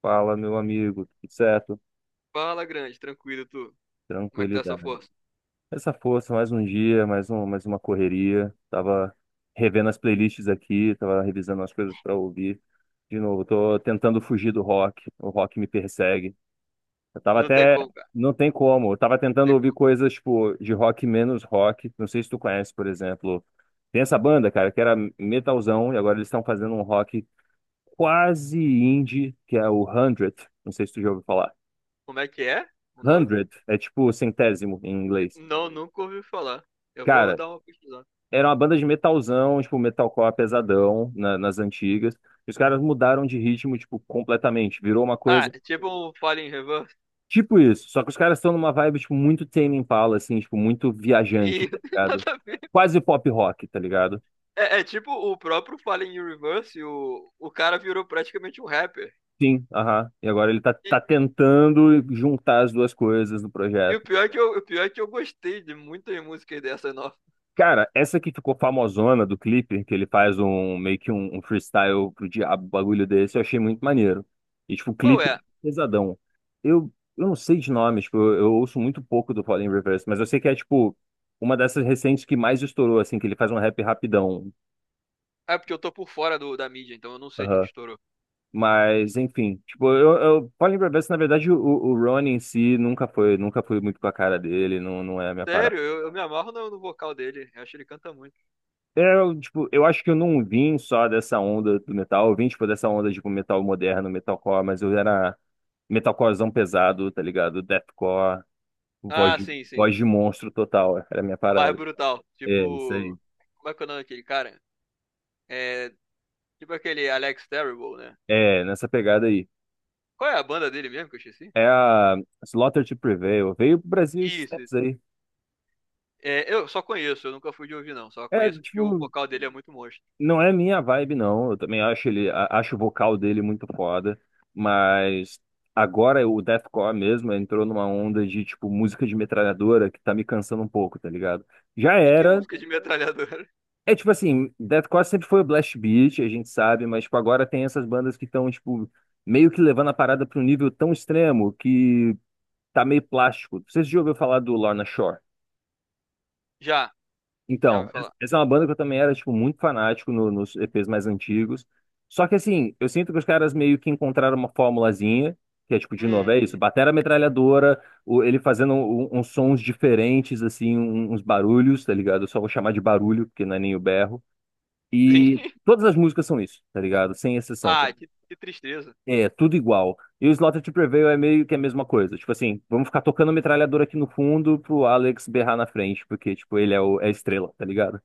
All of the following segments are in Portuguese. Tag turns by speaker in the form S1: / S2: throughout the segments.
S1: Fala, meu amigo, tudo certo?
S2: Fala, grande, tranquilo, tu. Como é que tá essa
S1: Tranquilidade.
S2: força?
S1: Essa força, mais um dia, mais uma correria. Tava revendo as playlists aqui, tava revisando as coisas para ouvir. De novo, tô tentando fugir do rock. O rock me persegue. Eu tava
S2: Não tem
S1: até,
S2: como, cara.
S1: não tem como. Eu tava
S2: Não
S1: tentando
S2: tem
S1: ouvir
S2: como.
S1: coisas tipo de rock menos rock. Não sei se tu conhece, por exemplo, tem essa banda, cara, que era metalzão e agora eles estão fazendo um rock quase indie, que é o 100. Não sei se tu já ouviu falar.
S2: Como é que é o nome?
S1: Hundred é tipo centésimo em inglês.
S2: Não, nunca ouvi falar. Eu vou
S1: Cara,
S2: dar uma pesquisada.
S1: era uma banda de metalzão, tipo metalcore pesadão nas antigas. E os caras mudaram de ritmo, tipo, completamente. Virou uma
S2: Ah,
S1: coisa
S2: é tipo um Fallen Reverse.
S1: tipo isso. Só que os caras estão numa vibe, tipo, muito Tame Impala, assim, tipo, muito viajante,
S2: Me...
S1: tá ligado?
S2: Nada a ver.
S1: Quase pop rock, tá ligado?
S2: É, é tipo o próprio Fallen Reverse, o cara virou praticamente um rapper.
S1: Sim, aham. E agora tá
S2: E,
S1: tentando juntar as duas coisas no
S2: e o
S1: projeto.
S2: pior é que o pior é que eu gostei de muitas músicas dessa nova.
S1: Cara, essa que ficou famosona do clipe, que ele faz um meio que um freestyle pro diabo, um bagulho desse, eu achei muito maneiro. E, tipo, o
S2: Qual
S1: clipe é
S2: é?
S1: pesadão. Eu não sei de nomes, tipo, eu ouço muito pouco do Fallen Reverse, mas eu sei que é, tipo, uma dessas recentes que mais estourou, assim, que ele faz um rap rapidão.
S2: É porque eu tô por fora da mídia, então eu não sei de que
S1: Aham.
S2: estourou.
S1: Mas, enfim, tipo, Fallen Reverse, na verdade, o Ronnie em si nunca foi muito com a cara dele, não, não é a minha parada.
S2: Sério, eu me amarro no vocal dele. Eu acho que ele canta muito.
S1: Eu, tipo, eu acho que eu não vim só dessa onda do metal, eu vim, tipo, dessa onda, tipo, metal moderno, metalcore, mas eu era metalcorezão pesado, tá ligado? Deathcore, voz
S2: Ah,
S1: de,
S2: sim, sim.
S1: voz de monstro total, era a minha
S2: Mais
S1: parada.
S2: brutal.
S1: É, isso aí.
S2: Tipo, como é que é o nome daquele cara? É, tipo aquele Alex Terrible, né?
S1: É, nessa pegada aí.
S2: Qual é a banda dele mesmo que eu esqueci?
S1: É a Slaughter to Prevail, veio pro Brasil esses
S2: Isso,
S1: tempos
S2: isso.
S1: aí.
S2: É, eu só conheço, eu nunca fui de ouvir, não. Só
S1: É,
S2: conheço porque o
S1: tipo,
S2: vocal dele é muito monstro.
S1: não é minha vibe, não. Eu também acho ele, acho o vocal dele muito foda, mas agora o deathcore mesmo entrou numa onda de tipo música de metralhadora que tá me cansando um pouco, tá ligado? Já
S2: E que
S1: era.
S2: música de metralhadora?
S1: É tipo assim, deathcore sempre foi o blast beat, a gente sabe, mas tipo agora tem essas bandas que estão tipo meio que levando a parada pra um nível tão extremo que tá meio plástico. Vocês já ouviram falar do Lorna Shore?
S2: Já, já vou
S1: Então,
S2: falar.
S1: essa é uma banda que eu também era, tipo, muito fanático nos EPs mais antigos. Só que, assim, eu sinto que os caras meio que encontraram uma formulazinha, que é, tipo, de novo, é isso,
S2: Hum,
S1: batera metralhadora, ele fazendo uns sons diferentes, assim, uns barulhos, tá ligado? Eu só vou chamar de barulho, porque não é nem o berro.
S2: sim.
S1: E todas as músicas são isso, tá ligado? Sem exceção.
S2: Ah, que tristeza.
S1: É, tudo igual. E o Slaughter to Prevail é meio que a mesma coisa. Tipo assim, vamos ficar tocando metralhadora aqui no fundo pro Alex berrar na frente, porque, tipo, é a estrela, tá ligado?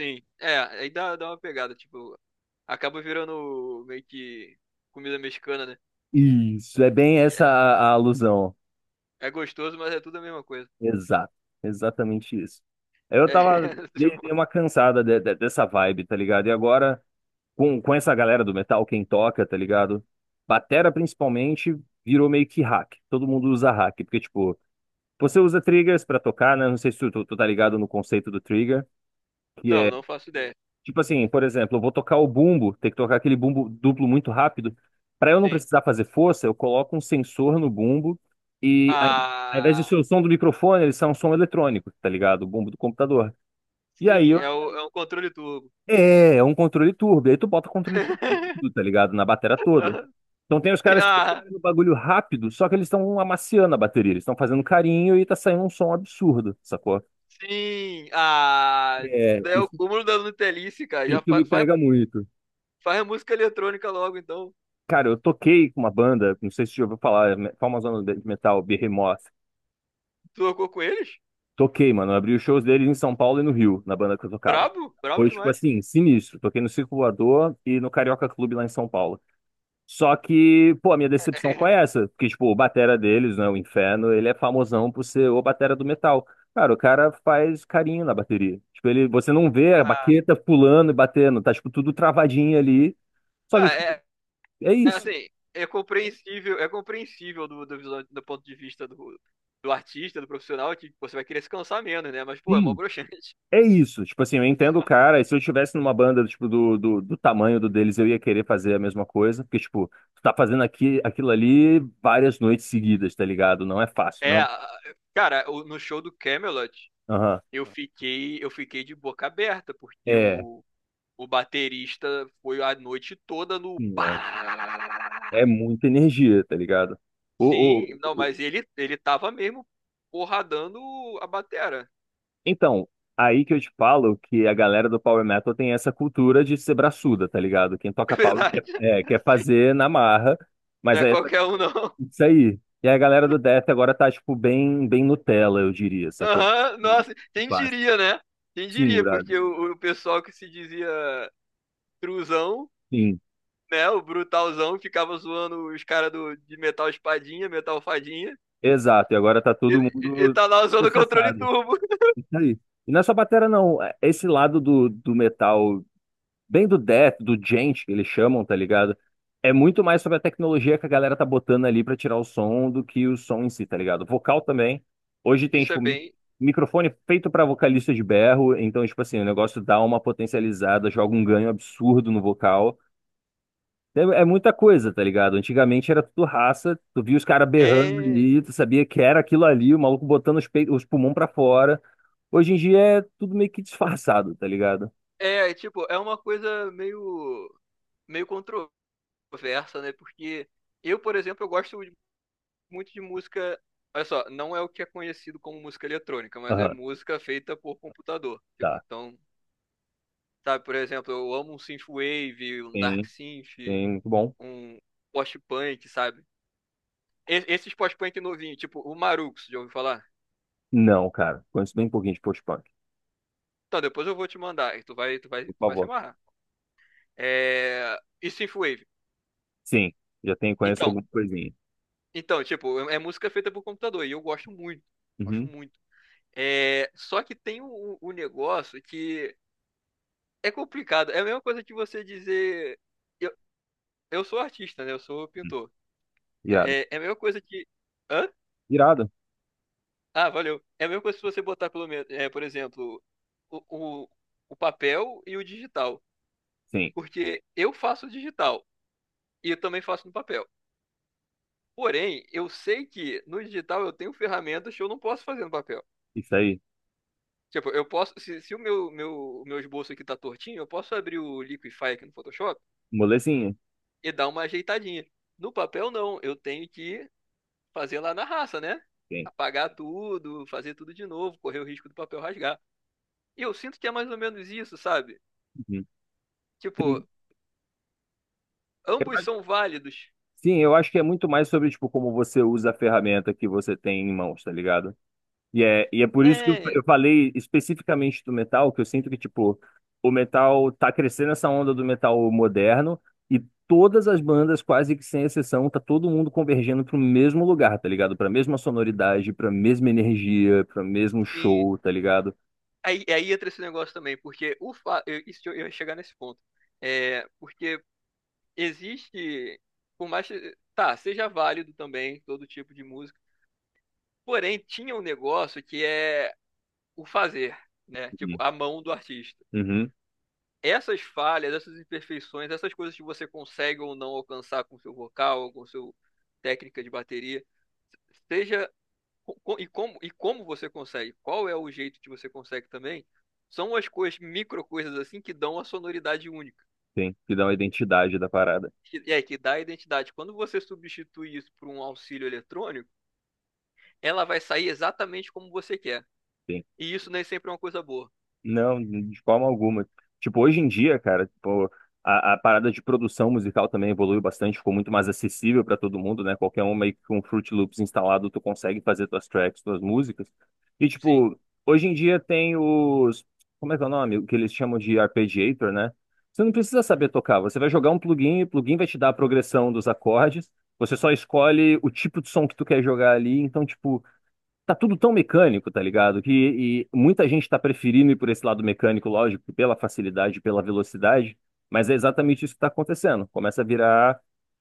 S2: Sim. É, dá uma pegada, tipo, acaba virando meio que comida mexicana, né?
S1: Isso é bem essa a alusão.
S2: É gostoso, mas é tudo a mesma coisa.
S1: Exato. Exatamente isso. Eu
S2: É,
S1: tava, dei,
S2: tipo,
S1: dei uma cansada dessa vibe, tá ligado? E agora, com essa galera do metal, quem toca, tá ligado? Batera, principalmente, virou meio que hack. Todo mundo usa hack, porque, tipo, você usa triggers pra tocar, né? Não sei se tu tá ligado no conceito do trigger.
S2: não, não faço ideia.
S1: Tipo assim, por exemplo, eu vou tocar o bumbo, tem que tocar aquele bumbo duplo muito rápido. Para eu não
S2: Sim.
S1: precisar fazer força, eu coloco um sensor no bumbo e ao invés de
S2: Ah,
S1: ser o som do microfone, ele sai um som eletrônico, tá ligado? O bumbo do computador. E aí
S2: sim,
S1: eu,
S2: é, é o controle turbo.
S1: é, é um controle turbo. E aí tu bota controle turbo em tudo, tá ligado? Na bateria toda. Então tem os caras que estão
S2: Ah,
S1: tocando bagulho rápido, só que eles estão amaciando a bateria, eles estão fazendo carinho e tá saindo um som absurdo, sacou?
S2: sim, ah, isso
S1: É,
S2: daí é o
S1: isso,
S2: cúmulo da Nutelice, cara. Já
S1: isso me
S2: faz,
S1: pega muito.
S2: faz a música eletrônica logo, então.
S1: Cara, eu toquei com uma banda, não sei se você já ouviu falar, famosona de metal, Behemoth.
S2: Tu tocou com eles?
S1: Toquei, mano. Eu abri os shows deles em São Paulo e no Rio, na banda que eu tocava.
S2: Brabo, brabo
S1: Foi, tipo
S2: demais.
S1: assim, sinistro. Toquei no Circo Voador e no Carioca Clube lá em São Paulo. Só que, pô, a minha decepção foi essa. Porque, tipo, o batera deles, né, o Inferno, ele é famosão por ser o batera do metal. Cara, o cara faz carinho na bateria. Tipo, ele, você não vê a
S2: Ah,
S1: baqueta pulando e batendo, tá, tipo, tudo travadinho ali. Só
S2: não,
S1: que, tipo,
S2: é,
S1: é
S2: é
S1: isso.
S2: assim, é compreensível, do ponto de vista do artista, do profissional, que você vai querer se cansar menos, né? Mas, pô, é mó
S1: Sim.
S2: broxante.
S1: É isso, tipo assim, eu entendo o cara, e se eu estivesse numa banda, tipo, do tamanho do deles, eu ia querer fazer a mesma coisa, porque, tipo, tu tá fazendo aqui, aquilo ali várias noites seguidas, tá ligado? Não é fácil,
S2: É,
S1: não.
S2: ah, cara, no show do Camelot.
S1: Aham.
S2: Eu fiquei de boca aberta, porque
S1: É,
S2: o baterista foi a noite toda no.
S1: sim, mano. É muita energia, tá ligado? O, o,
S2: Sim, não,
S1: o-
S2: mas ele tava mesmo porradando a batera.
S1: Então, aí que eu te falo que a galera do Power Metal tem essa cultura de ser braçuda, tá ligado? Quem
S2: É
S1: toca power quer,
S2: verdade?
S1: é, quer
S2: Assim,
S1: fazer na marra,
S2: não
S1: mas
S2: é
S1: aí é
S2: qualquer um, não.
S1: isso aí. E a galera do Death agora tá, tipo, bem Nutella, eu diria, sacou?
S2: Aham, nossa, quem
S1: Fácil.
S2: diria, né? Quem
S1: Sim,
S2: diria,
S1: brother.
S2: porque o pessoal que se dizia truzão,
S1: Sim.
S2: né? O brutalzão, ficava zoando os caras de metal espadinha, metal fadinha,
S1: Exato. E agora tá
S2: e,
S1: todo
S2: e
S1: mundo
S2: tá lá usando o controle
S1: processado.
S2: turbo.
S1: Isso aí. E não é só batera, não. É, esse lado do metal, bem do Death, do Djent, que eles chamam, tá ligado? É muito mais sobre a tecnologia que a galera tá botando ali pra tirar o som do que o som em si, tá ligado? Vocal também. Hoje tem,
S2: Isso é
S1: tipo,
S2: bem,
S1: microfone feito pra vocalista de berro, então, tipo assim, o negócio dá uma potencializada, joga um ganho absurdo no vocal. É, é muita coisa, tá ligado? Antigamente era tudo raça, tu via os caras berrando
S2: é,
S1: ali, tu sabia que era aquilo ali, o maluco botando os peitos, os pulmões pra fora. Hoje em dia é tudo meio que disfarçado, tá ligado?
S2: é, é, tipo, é uma coisa meio, meio controversa, né? Porque eu, por exemplo, muito de música. Olha só, não é o que é conhecido como música eletrônica, mas é
S1: Aham,
S2: música feita por computador. Tipo,
S1: tá.
S2: então, sabe, por exemplo, eu amo um synthwave, um dark
S1: Sim,
S2: synth,
S1: sim, muito bom.
S2: um post-punk, sabe? Esses post-punk novinhos, tipo o Marux, já ouviu falar?
S1: Não, cara. Conheço bem pouquinho de post-punk.
S2: Então, depois eu vou te mandar e
S1: Por
S2: tu vai se
S1: favor.
S2: amarrar. É... E synthwave.
S1: Sim, já tenho, conheço
S2: Então,
S1: alguma coisinha.
S2: Então, tipo, é é música feita por computador e eu gosto muito. Gosto
S1: Uhum.
S2: muito. É, só que tem o negócio que é complicado. É a mesma coisa que você dizer. Eu, eu sou artista, né? Eu sou
S1: Uhum.
S2: pintor.
S1: Irado.
S2: É a mesma coisa que. Hã?
S1: Irado?
S2: Ah, valeu. É a mesma coisa se você botar, pelo menos, é, por exemplo, o, o, o papel e o digital.
S1: Sim.
S2: Porque eu faço digital e eu também faço no papel. Porém, eu sei que no digital eu tenho ferramentas que eu não posso fazer no papel.
S1: Isso aí.
S2: Tipo, eu posso. Se o o meu esboço aqui tá tortinho, eu posso abrir o Liquify aqui no Photoshop
S1: Molezinha.
S2: e dar uma ajeitadinha. No papel, não. Eu tenho que fazer lá na raça, né?
S1: Sim.
S2: Apagar tudo, fazer tudo de novo, correr o risco do papel rasgar. E eu sinto que é mais ou menos isso, sabe?
S1: Uhum.
S2: Tipo,
S1: Sim. Eu
S2: ambos
S1: acho-
S2: são válidos.
S1: Sim, eu acho que é muito mais sobre, tipo, como você usa a ferramenta que você tem em mãos, tá ligado? E é por isso que eu
S2: É,
S1: eu falei especificamente do metal, que eu sinto que, tipo, o metal tá crescendo essa onda do metal moderno e todas as bandas, quase que sem exceção, tá todo mundo convergendo pro mesmo lugar, tá ligado? Pra mesma sonoridade, pra mesma energia, pra mesmo
S2: sim.
S1: show, tá ligado?
S2: Aí entra esse negócio também, porque o fa... eu ia chegar nesse ponto. É, porque existe. Por mais. Tá, seja válido também todo tipo de música. Porém, tinha um negócio que é o fazer, né? Tipo,
S1: Uhum.
S2: a mão do artista.
S1: Uhum.
S2: Essas falhas, essas imperfeições, essas coisas que você consegue ou não alcançar com seu vocal, com seu técnica de bateria, seja e como você consegue, qual é o jeito que você consegue também, são as coisas, micro coisas assim que dão a sonoridade única.
S1: Sim, que dá uma identidade da parada.
S2: É, que dá a identidade. Quando você substitui isso por um auxílio eletrônico, ela vai sair exatamente como você quer.
S1: Sim.
S2: E isso nem sempre é uma coisa boa.
S1: Não, de forma alguma. Tipo, hoje em dia, cara, tipo, a parada de produção musical também evoluiu bastante, ficou muito mais acessível para todo mundo, né? Qualquer um meio que com Fruit Loops instalado, tu consegue fazer tuas tracks, tuas músicas. E,
S2: Sim.
S1: tipo, hoje em dia tem os. Como é que é o nome? O que eles chamam de arpeggiator, né? Você não precisa saber tocar, você vai jogar um plugin, o plugin vai te dar a progressão dos acordes, você só escolhe o tipo de som que tu quer jogar ali, então, tipo, tá tudo tão mecânico, tá ligado? Que e muita gente tá preferindo ir por esse lado mecânico, lógico, pela facilidade, pela velocidade, mas é exatamente isso que tá acontecendo. Começa a virar,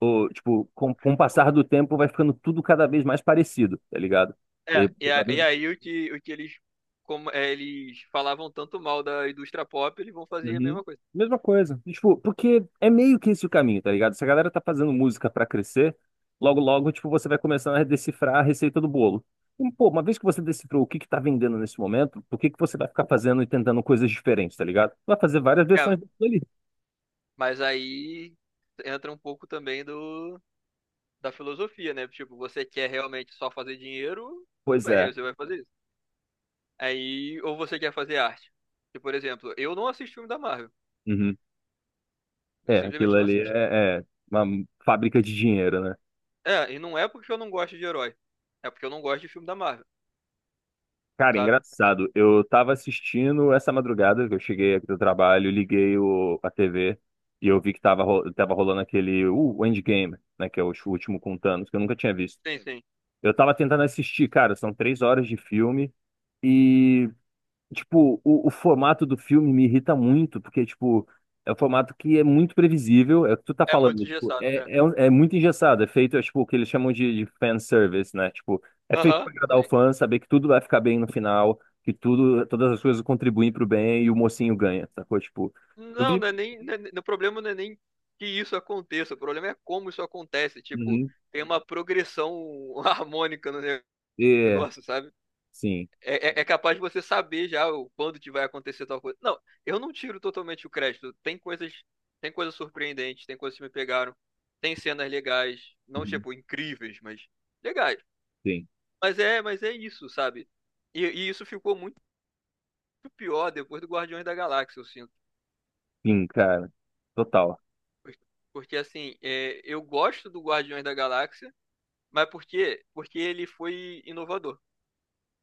S1: o, tipo, com o passar do tempo vai ficando tudo cada vez mais parecido, tá ligado? E,
S2: É, e aí o que eles, como, é, eles falavam tanto mal da indústria pop, eles vão fazer a
S1: Uhum.
S2: mesma coisa.
S1: Mesma coisa. Tipo, porque é meio que esse o caminho, tá ligado? Se a galera tá fazendo música pra crescer, logo logo, tipo, você vai começando a decifrar a receita do bolo. E, pô, uma vez que você decifrou o que que tá vendendo nesse momento, por que que você vai ficar fazendo e tentando coisas diferentes, tá ligado? Vai fazer várias
S2: É,
S1: versões daquilo ali.
S2: mas aí entra um pouco também da filosofia, né? Tipo, você quer realmente só fazer dinheiro, tudo
S1: Pois
S2: bem,
S1: é.
S2: aí você vai fazer isso. Aí, ou você quer fazer arte. Tipo, por exemplo, eu não assisto filme da Marvel.
S1: Uhum.
S2: Eu
S1: É, aquilo
S2: simplesmente não
S1: ali
S2: assisto.
S1: é, é uma fábrica de dinheiro, né?
S2: É, e não é porque eu não gosto de herói. É porque eu não gosto de filme da Marvel,
S1: Cara,
S2: sabe?
S1: engraçado. Eu tava assistindo essa madrugada que eu cheguei aqui do trabalho, liguei a TV e eu vi que tava, tava rolando aquele o Endgame, né? Que é o último com Thanos, que eu nunca tinha visto.
S2: Sim, sim.
S1: Eu tava tentando assistir, cara, são 3 horas de filme. e Tipo, o formato do filme me irrita muito, porque, tipo, é um formato que é muito previsível, é o que tu tá
S2: É
S1: falando,
S2: muito
S1: né? Tipo,
S2: engessado. É.
S1: é muito engessado, é feito, é, tipo, o que eles chamam de fanservice, né? Tipo, é feito
S2: Aham.
S1: pra agradar o fã, saber que tudo vai ficar bem no final, que tudo, todas as coisas contribuem pro bem e o mocinho ganha, sacou? Tipo, eu vi...
S2: Não é- o problema não é nem que isso aconteça, o problema é como isso acontece. Tipo,
S1: Uhum.
S2: tem uma progressão harmônica no
S1: É,
S2: negócio, sabe?
S1: sim,
S2: É capaz de você saber já o quando que vai acontecer tal coisa. Não, eu não tiro totalmente o crédito. Tem coisas surpreendentes, tem coisas que me pegaram, tem cenas legais, não
S1: Uhum.
S2: tipo incríveis, mas legais.
S1: Sim,
S2: Mas é isso, sabe? E isso ficou muito pior depois do Guardiões da Galáxia, eu sinto.
S1: sim, cara, total.
S2: Porque assim, é, eu gosto do Guardiões da Galáxia, mas por quê? Porque ele foi inovador.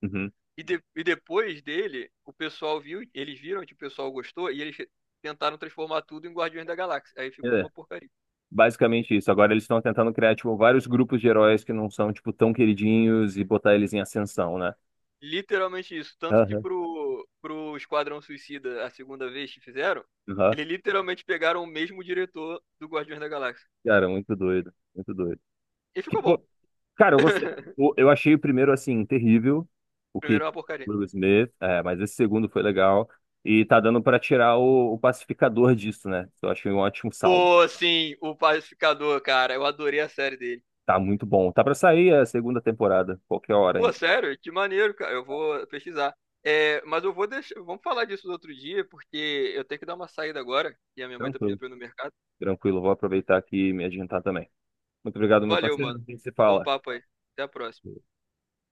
S1: Uhum.
S2: E depois dele, o pessoal viu, eles viram que o pessoal gostou e eles tentaram transformar tudo em Guardiões da Galáxia. Aí ficou
S1: É.
S2: uma porcaria.
S1: Basicamente isso. Agora eles estão tentando criar, tipo, vários grupos de heróis que não são, tipo, tão queridinhos e botar eles em ascensão, né?
S2: Literalmente isso. Tanto que
S1: Aham.
S2: pro Esquadrão Suicida, a segunda vez que fizeram,
S1: Aham.
S2: eles literalmente pegaram o mesmo diretor do Guardiões da Galáxia.
S1: Cara, muito doido. Muito doido.
S2: E
S1: Que,
S2: ficou
S1: pô,
S2: bom.
S1: cara, eu gostei. Eu achei o primeiro, assim, terrível, o
S2: Primeiro
S1: que
S2: é uma
S1: o
S2: porcaria.
S1: Will Smith, é, mas esse segundo foi legal. E tá dando pra tirar o pacificador disso, né? Eu achei um ótimo saldo.
S2: Pô, sim, o Pacificador, cara. Eu adorei a série dele.
S1: Tá muito bom. Tá pra sair a segunda temporada, qualquer hora,
S2: Pô,
S1: hein?
S2: sério? Que maneiro, cara. Eu vou pesquisar. É, mas eu vou deixar. Vamos falar disso no outro dia, porque eu tenho que dar uma saída agora. E a minha mãe tá pedindo
S1: Tranquilo,
S2: pra eu ir no mercado.
S1: tranquilo. Vou aproveitar aqui e me adiantar também. Muito obrigado, meu
S2: Valeu,
S1: parceiro.
S2: mano.
S1: A gente se
S2: Bom
S1: fala.
S2: papo aí. Até a próxima.